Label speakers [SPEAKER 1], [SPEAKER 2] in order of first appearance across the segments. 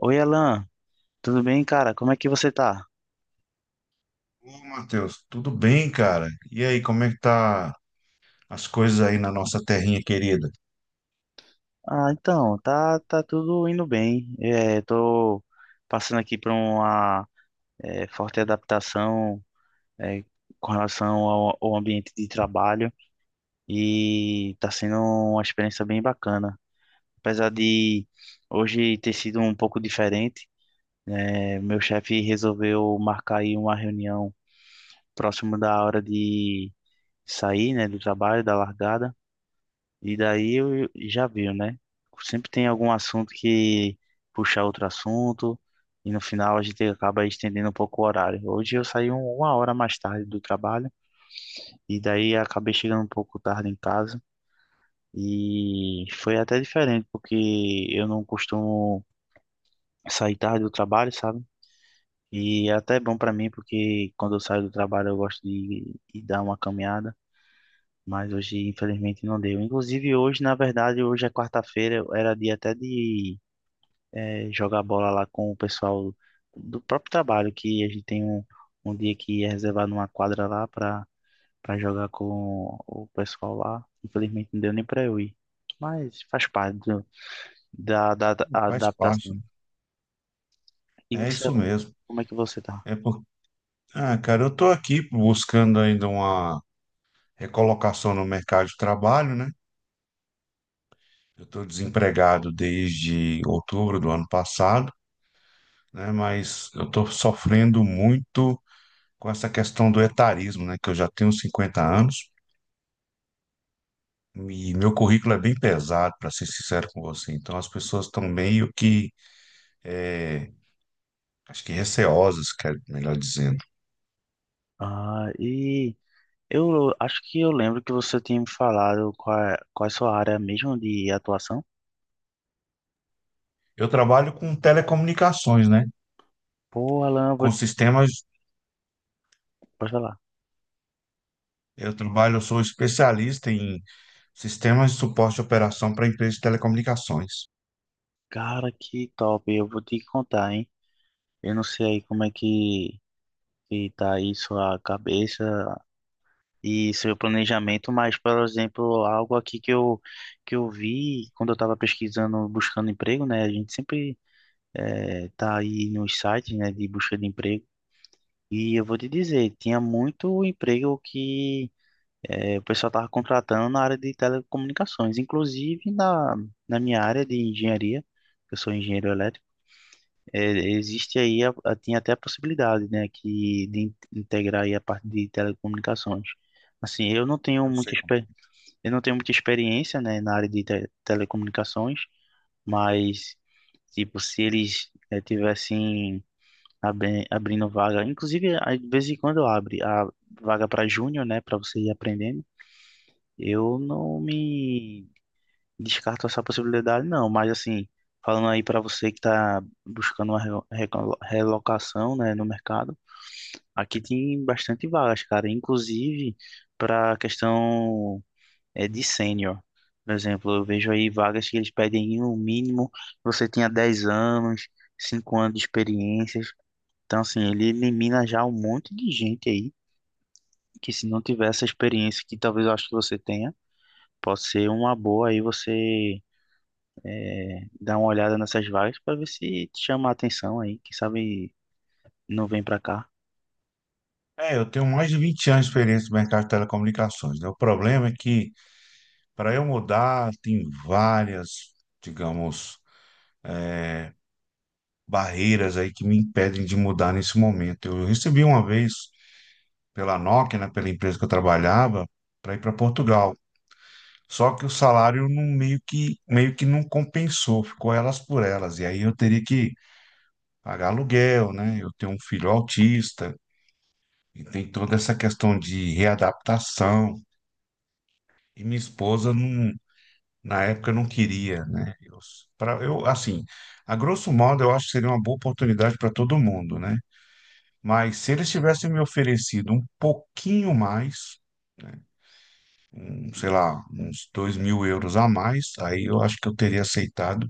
[SPEAKER 1] Oi, Alan, tudo bem, cara? Como é que você tá?
[SPEAKER 2] Ô, Matheus, tudo bem, cara? E aí, como é que tá as coisas aí na nossa terrinha querida?
[SPEAKER 1] Ah, então, tá, tudo indo bem. É, tô passando aqui por uma forte adaptação é, com relação ao ambiente de trabalho e tá sendo uma experiência bem bacana. Apesar de hoje ter sido um pouco diferente, né, meu chefe resolveu marcar aí uma reunião próximo da hora de sair, né, do trabalho, da largada. E daí eu já viu, né? Sempre tem algum assunto que puxa outro assunto, e no final a gente acaba estendendo um pouco o horário. Hoje eu saí uma hora mais tarde do trabalho, e daí acabei chegando um pouco tarde em casa. E foi até diferente, porque eu não costumo sair tarde do trabalho, sabe? E é até bom pra mim, porque quando eu saio do trabalho eu gosto de dar uma caminhada. Mas hoje, infelizmente, não deu. Inclusive, hoje, na verdade, hoje é quarta-feira, era dia até de jogar bola lá com o pessoal do próprio trabalho, que a gente tem um dia que é reservado numa quadra lá para jogar com o pessoal lá. Infelizmente não deu nem para eu ir, mas faz parte da
[SPEAKER 2] Faz parte,
[SPEAKER 1] adaptação.
[SPEAKER 2] né?
[SPEAKER 1] E
[SPEAKER 2] É
[SPEAKER 1] você,
[SPEAKER 2] isso
[SPEAKER 1] Alan?
[SPEAKER 2] mesmo.
[SPEAKER 1] Como é que você tá?
[SPEAKER 2] É por... Ah, cara, eu tô aqui buscando ainda uma recolocação no mercado de trabalho, né? Eu tô desempregado desde outubro do ano passado, né? Mas eu tô sofrendo muito com essa questão do etarismo, né? Que eu já tenho 50 anos e meu currículo é bem pesado, para ser sincero com você. Então as pessoas estão meio que eh, acho que receosas, melhor dizendo.
[SPEAKER 1] Ah, e eu acho que eu lembro que você tinha me falado qual é a sua área mesmo de atuação.
[SPEAKER 2] Eu trabalho com telecomunicações, né?
[SPEAKER 1] Pô, Alan, eu vou,
[SPEAKER 2] Com sistemas,
[SPEAKER 1] pode falar.
[SPEAKER 2] eu trabalho, eu sou especialista em sistemas de suporte de operação para empresas de telecomunicações.
[SPEAKER 1] Cara, que top, eu vou te contar, hein? Eu não sei aí como é que tá aí sua cabeça e seu planejamento, mas, por exemplo, algo aqui que eu vi quando eu estava pesquisando, buscando emprego, né? A gente sempre tá aí nos sites, né, de busca de emprego. E eu vou te dizer, tinha muito emprego que o pessoal estava contratando na área de telecomunicações, inclusive na minha área de engenharia, que eu sou engenheiro elétrico. É, existe aí, tem até a possibilidade, né, que, de integrar aí a parte de telecomunicações. Assim, eu não tenho
[SPEAKER 2] Eu
[SPEAKER 1] muita,
[SPEAKER 2] sei como.
[SPEAKER 1] exper- eu não tenho muita experiência, né, na área de telecomunicações, mas, tipo, se eles tivessem abrindo vaga, inclusive, às vezes em quando abre a vaga para júnior, né, para você ir aprendendo, eu não me descarto essa possibilidade, não, mas assim, falando aí para você que está buscando uma relocação, né, no mercado, aqui tem bastante vagas, cara, inclusive para questão de sênior. Por exemplo, eu vejo aí vagas que eles pedem no mínimo você tenha 10 anos, 5 anos de experiências. Então, assim, ele elimina já um monte de gente aí que se não tiver essa experiência que talvez eu acho que você tenha, pode ser uma boa aí você dá uma olhada nessas vagas para ver se te chama a atenção aí. Quem sabe não vem para cá.
[SPEAKER 2] É, eu tenho mais de 20 anos de experiência no mercado de telecomunicações, né? O problema é que para eu mudar, tem várias, digamos, barreiras aí que me impedem de mudar nesse momento. Eu recebi uma vez pela Nokia, né, pela empresa que eu trabalhava, para ir para Portugal. Só que o salário não, meio que, não compensou, ficou elas por elas. E aí eu teria que pagar aluguel, né? Eu tenho um filho autista, e tem toda essa questão de readaptação. E minha esposa, não, na época, não queria, né? Eu, assim, a grosso modo, eu acho que seria uma boa oportunidade para todo mundo, né? Mas se eles tivessem me oferecido um pouquinho mais, né? Um, sei lá, uns 2.000 euros a mais, aí eu acho que eu teria aceitado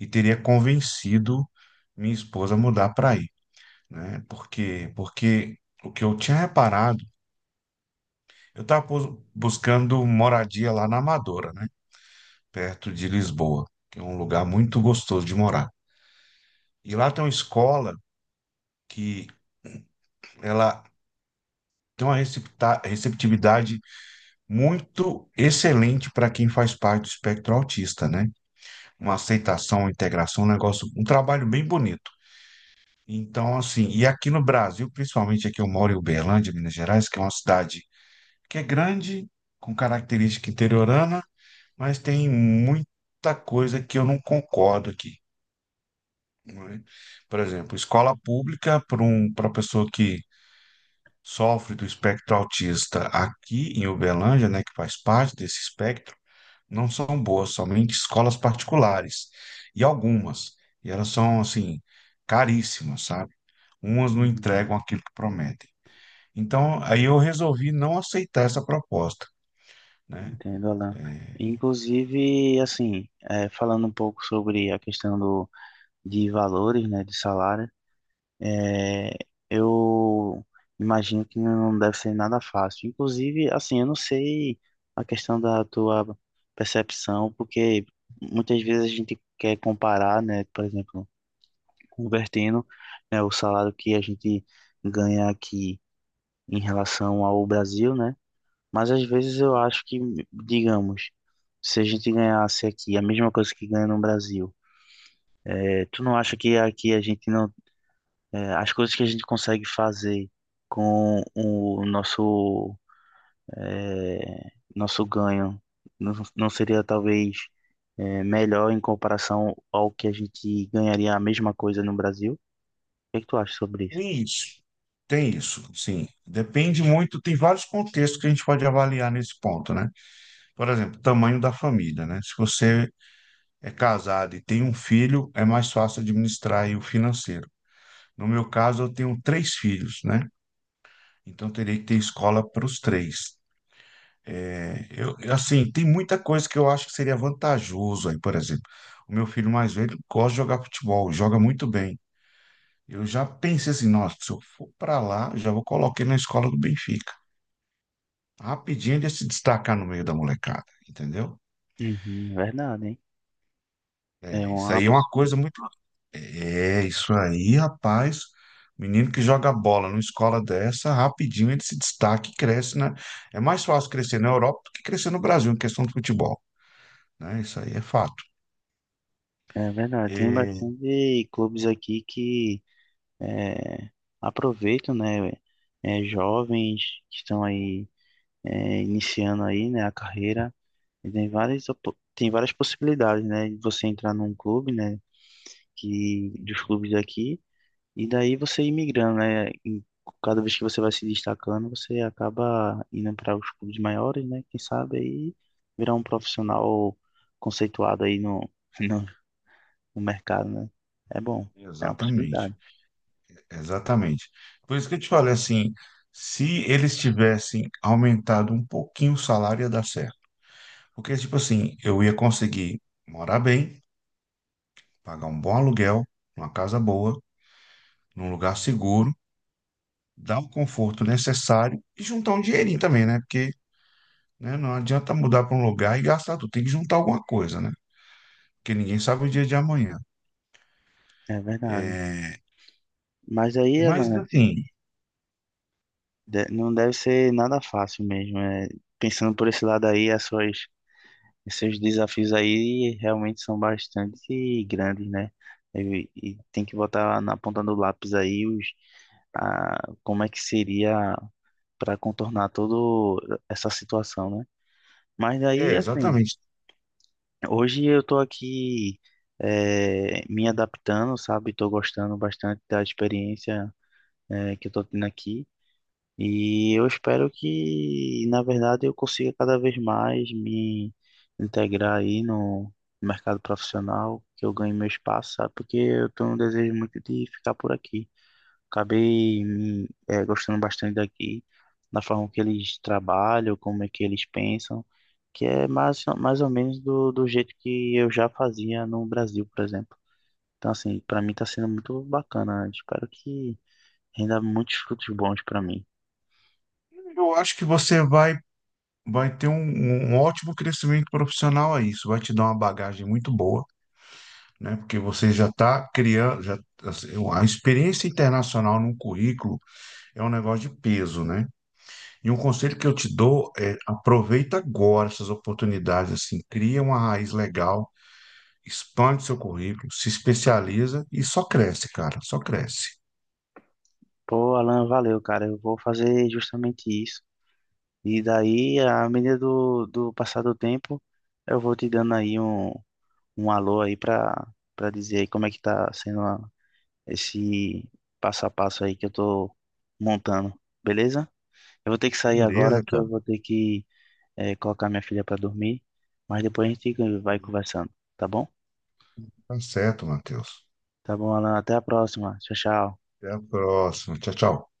[SPEAKER 2] e teria convencido minha esposa a mudar para aí, né? Porque o que eu tinha reparado, eu estava buscando moradia lá na Amadora, né? Perto de Lisboa, que é um lugar muito gostoso de morar. E lá tem uma escola que ela tem uma receptividade muito excelente para quem faz parte do espectro autista, né? Uma aceitação, uma integração, um negócio, um trabalho bem bonito. Então, assim, e aqui no Brasil, principalmente aqui eu moro em Uberlândia, Minas Gerais, que é uma cidade que é grande, com característica interiorana, mas tem muita coisa que eu não concordo aqui, não é? Por exemplo, escola pública para pessoa que sofre do espectro autista aqui em Uberlândia, né, que faz parte desse espectro, não são boas, somente escolas particulares, e algumas, e elas são, assim, caríssimas, sabe? Umas não
[SPEAKER 1] Uhum.
[SPEAKER 2] entregam aquilo que prometem. Então, aí eu resolvi não aceitar essa proposta, né?
[SPEAKER 1] Entendo, Alan. Inclusive, assim, é, falando um pouco sobre a questão do, de valores, né, de salário, é, eu imagino que não deve ser nada fácil. Inclusive, assim, eu não sei a questão da tua percepção, porque muitas vezes a gente quer comparar, né, por exemplo, convertendo, né, o salário que a gente ganha aqui em relação ao Brasil, né? Mas às vezes eu acho que, digamos, se a gente ganhasse aqui a mesma coisa que ganha no Brasil, tu não acha que aqui a gente não, as coisas que a gente consegue fazer com o nosso, nosso ganho não, não seria talvez melhor em comparação ao que a gente ganharia a mesma coisa no Brasil? O que é que tu acha sobre isso?
[SPEAKER 2] Tem isso, tem isso, sim. Depende muito, tem vários contextos que a gente pode avaliar nesse ponto, né? Por exemplo, tamanho da família, né? Se você é casado e tem um filho, é mais fácil administrar aí o financeiro. No meu caso, eu tenho três filhos, né? Então, teria que ter escola para os três. É, eu, assim, tem muita coisa que eu acho que seria vantajoso aí, por exemplo. O meu filho mais velho gosta de jogar futebol, joga muito bem. Eu já pensei assim, nossa, se eu for para lá, já vou colocar ele na escola do Benfica. Rapidinho de se destacar no meio da molecada, entendeu?
[SPEAKER 1] Uhum, verdade, hein? É
[SPEAKER 2] É, isso
[SPEAKER 1] uma
[SPEAKER 2] aí é uma
[SPEAKER 1] possi-
[SPEAKER 2] coisa muito. É, isso aí, rapaz. Menino que joga bola numa escola dessa, rapidinho ele se destaca e cresce, né? É mais fácil crescer na Europa do que crescer no Brasil em questão de futebol, né? Isso aí é fato.
[SPEAKER 1] É verdade. Tem
[SPEAKER 2] E,
[SPEAKER 1] bastante clubes aqui que é, aproveitam, né? Jovens que estão aí iniciando aí, né, a carreira. E tem várias tem várias possibilidades, né? De você entrar num clube, né? Que dos clubes aqui e daí você ir migrando, né? Cada vez que você vai se destacando, você acaba indo para os clubes maiores, né? Quem sabe aí virar um profissional conceituado aí no, no mercado, né? É bom, é uma
[SPEAKER 2] Exatamente,
[SPEAKER 1] possibilidade,
[SPEAKER 2] exatamente. Por isso que eu te falei assim, se eles tivessem aumentado um pouquinho o salário, ia dar certo. Porque, tipo assim, eu ia conseguir morar bem, pagar um bom aluguel, uma casa boa, num lugar seguro, dar o conforto necessário e juntar um dinheirinho também, né? Porque, né, não adianta mudar para um lugar e gastar tudo, tem que juntar alguma coisa, né? Porque ninguém sabe o dia de amanhã.
[SPEAKER 1] é verdade.
[SPEAKER 2] É,
[SPEAKER 1] Mas aí ela
[SPEAKER 2] mas, assim,
[SPEAKER 1] não deve ser nada fácil mesmo. É, pensando por esse lado aí, as suas esses desafios aí realmente são bastante grandes, né? E tem que botar na ponta do lápis aí como é que seria para contornar toda essa situação, né? Mas
[SPEAKER 2] é
[SPEAKER 1] aí, assim,
[SPEAKER 2] exatamente.
[SPEAKER 1] hoje eu tô aqui me adaptando, sabe? Tô gostando bastante da experiência que eu tô tendo aqui. E eu espero que, na verdade, eu consiga cada vez mais me integrar aí no mercado profissional, que eu ganhe meu espaço, sabe? Porque eu tenho um desejo muito de ficar por aqui. Acabei me, gostando bastante daqui, da forma que eles trabalham, como é que eles pensam, que é mais, mais ou menos do jeito que eu já fazia no Brasil, por exemplo. Então, assim, para mim está sendo muito bacana. Espero que renda muitos frutos bons para mim.
[SPEAKER 2] Eu acho que você vai ter um ótimo crescimento profissional aí. Isso vai te dar uma bagagem muito boa, né? Porque você já está criando, já, assim, a experiência internacional num currículo é um negócio de peso, né? E um conselho que eu te dou é aproveita agora essas oportunidades, assim, cria uma raiz legal, expande seu currículo, se especializa e só cresce, cara, só cresce.
[SPEAKER 1] Pô, Alan, valeu, cara. Eu vou fazer justamente isso. E daí, à medida do passar do tempo, eu vou te dando aí um alô aí pra dizer aí como é que tá sendo esse passo a passo aí que eu tô montando, beleza? Eu vou ter que sair agora
[SPEAKER 2] Beleza,
[SPEAKER 1] que eu
[SPEAKER 2] cara.
[SPEAKER 1] vou ter que colocar minha filha pra dormir, mas depois a gente vai conversando, tá bom?
[SPEAKER 2] Tá certo, Matheus.
[SPEAKER 1] Tá bom, Alan. Até a próxima. Tchau, tchau.
[SPEAKER 2] Até a próxima. Tchau, tchau.